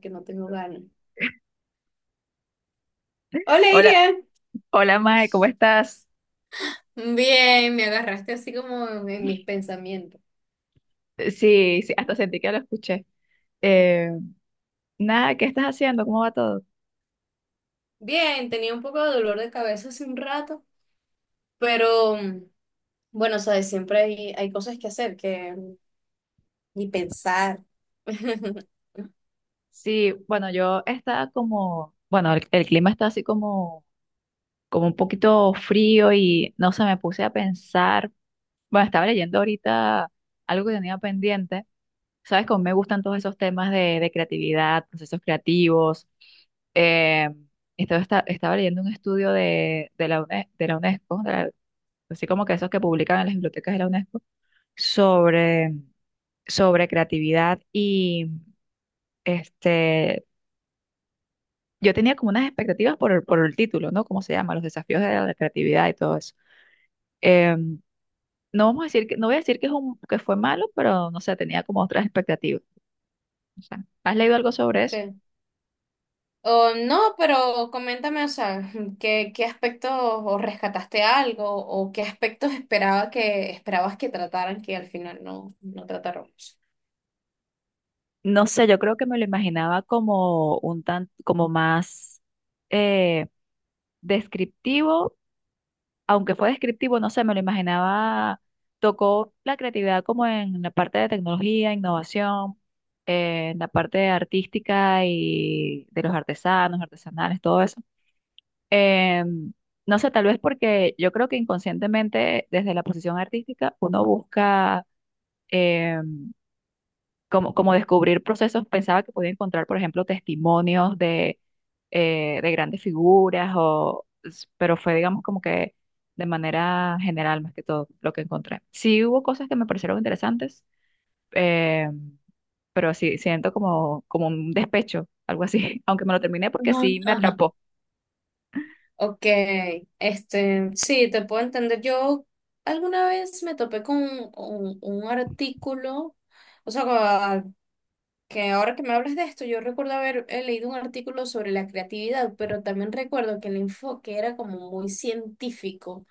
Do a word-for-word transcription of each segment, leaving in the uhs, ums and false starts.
Que no tengo ganas. Hola, Hola, Iria. hola Mae, ¿cómo estás? Bien, me agarraste así como en mis pensamientos. Eh, Sí, sí, hasta sentí que lo escuché. Eh, Nada, ¿qué estás haciendo? ¿Cómo va todo? Bien, tenía un poco de dolor de cabeza hace un rato, pero mm, bueno, sabes, siempre hay, hay cosas que hacer que mm, ni pensar. Sí, bueno, yo estaba como, bueno, el, el clima está así como, como un poquito frío y no sé, me puse a pensar, bueno, estaba leyendo ahorita algo que tenía pendiente. Sabes cómo me gustan todos esos temas de, de creatividad, procesos creativos. Eh, estaba, esta- Estaba leyendo un estudio de, de la UNE- de la UNESCO, de la- así como que esos que publican en las bibliotecas de la UNESCO sobre, sobre creatividad y este, yo tenía como unas expectativas por el, por el título, ¿no? ¿Cómo se llama? Los desafíos de la creatividad y todo eso. Em, no vamos a decir que, no voy a decir que es un, que fue malo, pero no sé, tenía como otras expectativas. O sea, ¿has leído algo sobre eso? Ok. Oh, no, pero coméntame, o sea, ¿qué, qué aspectos o rescataste algo o qué aspectos esperaba que, esperabas que trataran que al final no, no trataron? No sé, yo creo que me lo imaginaba como un tan, como más eh, descriptivo, aunque fue descriptivo, no sé, me lo imaginaba, tocó la creatividad como en la parte de tecnología, innovación, eh, en la parte artística y de los artesanos, artesanales, todo eso. Eh, no sé, tal vez porque yo creo que inconscientemente desde la posición artística uno busca... em, como, como descubrir procesos, pensaba que podía encontrar, por ejemplo, testimonios de, eh, de grandes figuras, o, s- pero fue, digamos, como que de manera general más que todo lo que encontré. Sí hubo cosas que me parecieron interesantes, eh, pero sí siento como, como un despecho, algo así, aunque me lo terminé porque sí me Ajá. atrapó. Ok, este, sí, te puedo entender. Yo alguna vez me topé con un, un- un artículo, o sea, a- que ahora que me hablas de esto, yo recuerdo haber eh, leído un artículo sobre la creatividad, pero también recuerdo que el enfoque era como muy científico.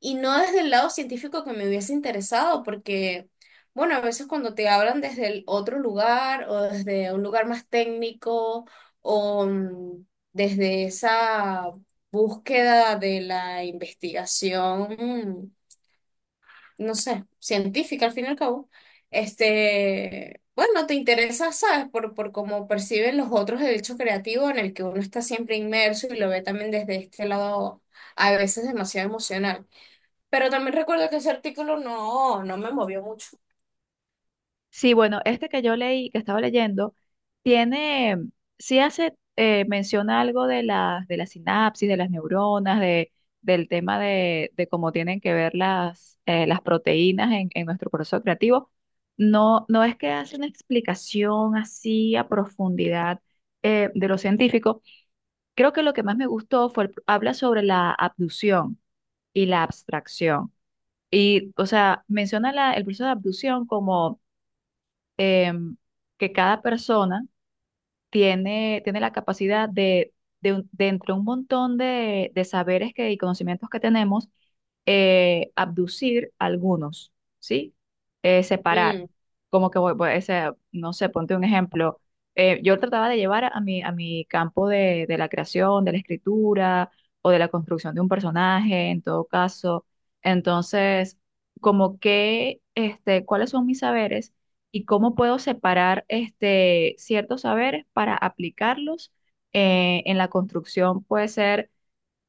Y no desde el lado científico que me hubiese interesado, porque, bueno, a veces cuando te hablan desde el otro lugar o desde un lugar más técnico o mm, desde esa búsqueda de la investigación, no sé, científica al fin y al cabo, este, bueno, te interesa, ¿sabes? Por, por cómo perciben los otros el hecho creativo en el que uno está siempre inmerso y lo ve también desde este lado a veces demasiado emocional. Pero también recuerdo que ese artículo no, no me movió mucho. Sí, bueno, este que yo leí, que estaba leyendo, tiene, sí hace, eh, menciona algo de las, de la sinapsis, de las neuronas, de, del tema de, de cómo tienen que ver las, eh, las proteínas en, en nuestro proceso creativo. No, no es que hace una explicación así a profundidad eh, de lo científico. Creo que lo que más me gustó fue, el- habla sobre la abducción y la abstracción. Y, o sea, menciona la- el proceso de abducción como em, que cada persona tiene, tiene la capacidad de, de, un- de entre un montón de, de saberes que, y conocimientos que tenemos, eh, abducir algunos, ¿sí? Eh, separar. Mm, Como que, voy- voy- o sea, no sé, ponte un ejemplo. Eh, yo trataba de llevar a mi, a mi campo de, de la creación, de la escritura o de la construcción de un personaje, en todo caso. Entonces, como que, este, ¿cuáles son mis saberes? Y cómo puedo separar este, ciertos saberes para aplicarlos eh, en la construcción, puede ser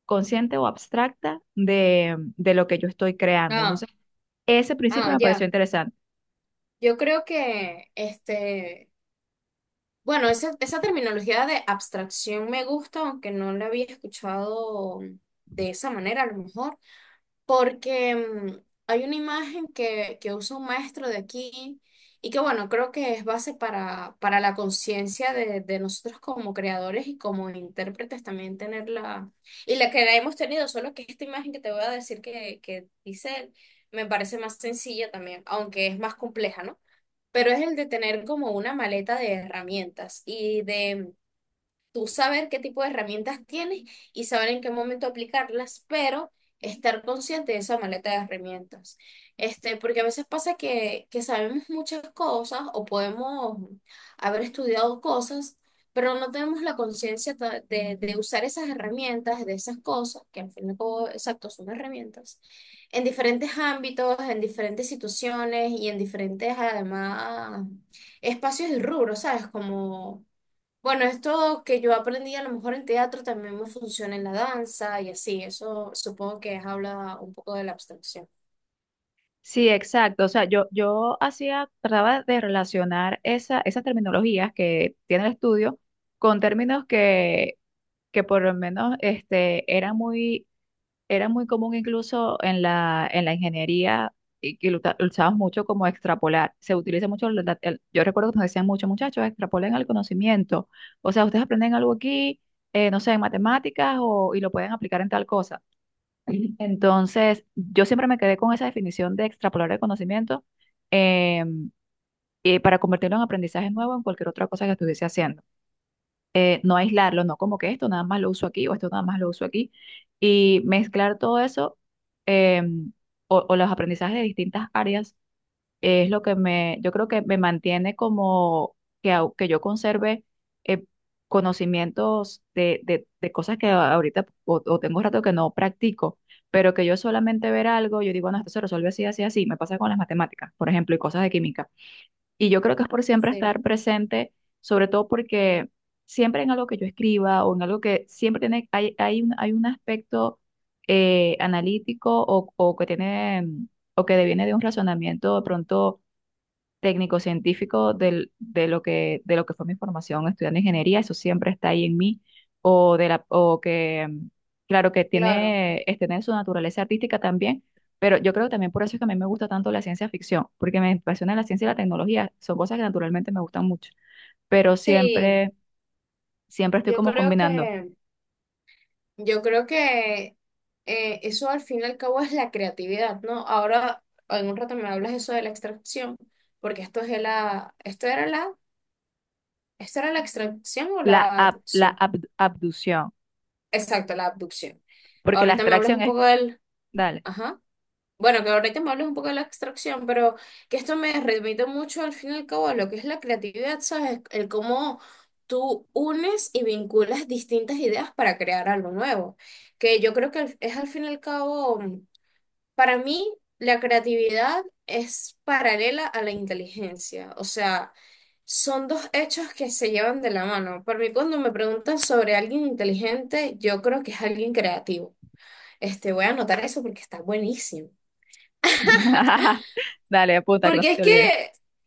consciente o abstracta de, de lo que yo estoy creando. ah, Entonces, ese principio ah, me pareció ya. interesante. Yo creo que, este, bueno, esa, esa terminología de abstracción me gusta, aunque no la había escuchado de esa manera, a lo mejor. Porque mm, hay una imagen que, que usa un maestro de aquí y que bueno, creo que es base para, para la conciencia de, de nosotros como creadores y como intérpretes también tenerla, y la que la hemos tenido, solo que esta imagen que te voy a decir que, que dice él, me parece más sencilla también, aunque es más compleja, ¿no? Pero es el de tener como una maleta de herramientas y de tú saber qué tipo de herramientas tienes y saber en qué momento aplicarlas, pero estar consciente de esa maleta de herramientas. Este, porque a veces pasa que, que sabemos muchas cosas o podemos haber estudiado cosas, pero no tenemos la conciencia ta- de, de usar esas herramientas, de esas cosas, que al fin y al cabo, exacto, son herramientas, en diferentes ámbitos, en diferentes situaciones y en diferentes, además, espacios y rubros, ¿sabes? Como bueno, esto que yo aprendí a lo mejor en teatro también me funciona en la danza y así, eso supongo que es habla un poco de la abstracción. Sí, exacto. O sea, yo, yo hacía, trataba de relacionar esa, esas terminologías que tiene el estudio con términos que, que por lo menos este, eran muy... era muy común incluso en la, en la ingeniería y que lo, usa- lo usamos mucho como extrapolar. Se utiliza mucho, la- la- el- yo recuerdo que nos decían muchos muchachos, extrapolen el conocimiento. O sea, ustedes aprenden algo aquí, eh, no sé, en matemáticas o, y lo pueden aplicar en tal cosa. Entonces, yo siempre me quedé con esa definición de extrapolar el conocimiento, eh, eh, para convertirlo en aprendizaje nuevo en cualquier otra cosa que estuviese haciendo, eh, no aislarlo, no como que esto nada más lo uso aquí o esto nada más lo uso aquí, y mezclar todo eso, eh, o, o los aprendizajes de distintas áreas es lo que me, yo creo que me mantiene como que, au- que yo conserve eh, conocimientos de, de, de cosas que a- ahorita o, o tengo rato que no practico. Pero que yo solamente ver algo, yo digo, no, esto se resuelve así, así, así. Me pasa con las matemáticas, por ejemplo, y cosas de química y yo creo que es por siempre Sí, estar presente, sobre todo porque siempre en algo que yo escriba o en algo que siempre tiene, hay, hay un, hay un aspecto eh, analítico o, o que tiene, mm, o que deviene de un razonamiento de pronto técnico-científico del- de lo que, de lo que fue mi formación estudiando ingeniería, eso siempre está ahí en mí, o, de la, o que, mm, claro, que claro. tiene, este, tiene su naturaleza artística también, pero yo creo que también por eso es que a mí me gusta tanto la ciencia ficción, porque me apasiona la ciencia y la tecnología, son cosas que naturalmente me gustan mucho, pero Sí, siempre, siempre estoy yo como creo combinando que, yo creo que eh, eso al fin y al cabo es la creatividad, ¿no? Ahora, en un rato me hablas eso de la extracción, porque esto es de la, esto era la, esto era la extracción o la, la ab- la abducción. ab- abducción, Exacto, la abducción. porque la Ahorita me hablas extracción un es, poco del, dale, ajá. Bueno, que ahorita me hablas un poco de la abstracción, pero que esto me remite mucho al fin y al cabo a lo que es la creatividad, ¿sabes? El cómo tú unes y vinculas distintas ideas para crear algo nuevo. Que yo creo que es al fin y al cabo, para mí, la creatividad es paralela a la inteligencia. O sea, son dos hechos que se llevan de la mano. Para mí, cuando me preguntan sobre alguien inteligente, yo creo que es alguien creativo. Este, voy a anotar eso porque está buenísimo. dale, apunta, que no Porque se es te que, olvide,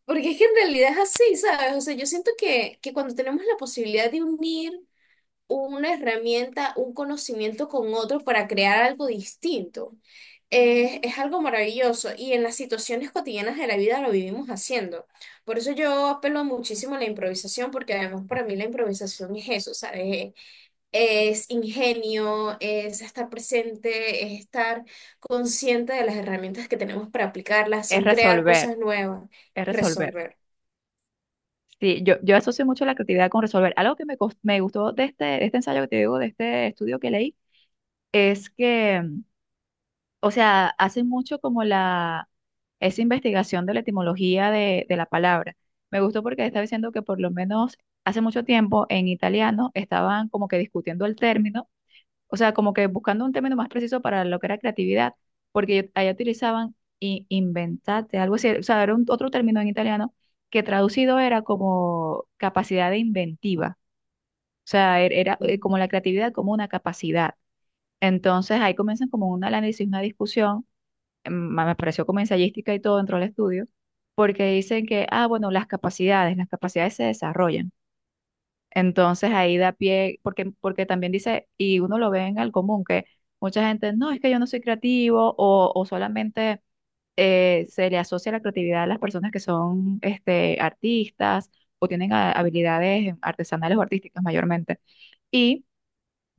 porque es que en realidad es así, ¿sabes? O sea, yo siento que, que cuando tenemos la posibilidad de unir una herramienta, un conocimiento con otro para crear algo distinto, eh, es algo maravilloso y en las situaciones cotidianas de la vida lo vivimos haciendo. Por eso yo apelo muchísimo a la improvisación, porque además para mí la improvisación es eso, ¿sabes? Es ingenio, es estar presente, es estar consciente de las herramientas que tenemos para aplicarlas, es son crear resolver, cosas nuevas, es resolver. resolver. Sí, yo, yo asocio mucho la creatividad con resolver. Algo que me, cos- me gustó de este, de este ensayo que te digo, de este estudio que leí, es que, mm, o sea, hace mucho como la, esa investigación de la etimología de, de la palabra. Me gustó porque estaba diciendo que por lo menos hace mucho tiempo en italiano estaban como que discutiendo el término, o sea, como que buscando un término más preciso para lo que era creatividad, porque allá utilizaban i- inventate, algo así, o sea, era un- otro término en italiano que traducido era como capacidad de inventiva, o sea, er- era, eh, Ujú. como la creatividad como una capacidad. Entonces ahí comienzan como un análisis, una discusión, em, me pareció como ensayística y todo dentro del estudio, porque dicen que, ah, bueno, las capacidades, las capacidades se desarrollan. Entonces ahí da pie, porque, porque también dice, y uno lo ve en el común, que mucha gente, no, es que yo no soy creativo o, o solamente eh, se le asocia la creatividad a las personas que son este, artistas o tienen ha- habilidades artesanales o artísticas mayormente. Y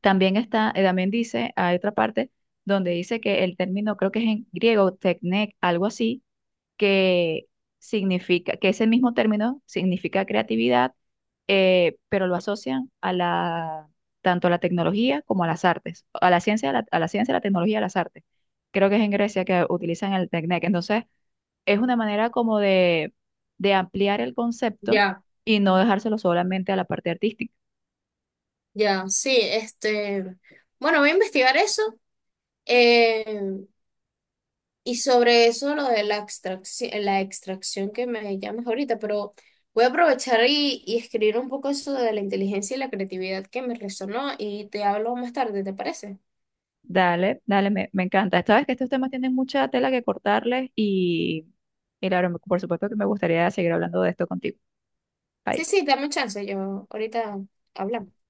también está, eh, también dice, hay otra parte donde dice que el término, creo que es en griego, techne, algo así, que significa, que ese mismo término significa creatividad, eh, pero lo asocian a la, tanto a la tecnología como a las artes, a la ciencia, a la, a la ciencia, a la tecnología, a las artes. Creo que es en Grecia que utilizan el Teknek. Entonces, es una manera como de, de ampliar el concepto Ya, y no dejárselo solamente a la parte artística. ya, sí, este, bueno, voy a investigar eso eh, y sobre eso lo de la extracción, la extracción que me llamas ahorita, pero voy a aprovechar y, y escribir un poco eso de la inteligencia y la creatividad que me resonó y te hablo más tarde, ¿te parece? Dale, dale, me, me encanta. Sabes que estos temas tienen mucha tela que cortarles y, y claro, por supuesto que me gustaría seguir hablando de esto contigo. Sí, Bye. sí, dame chance, yo ahorita hablamos.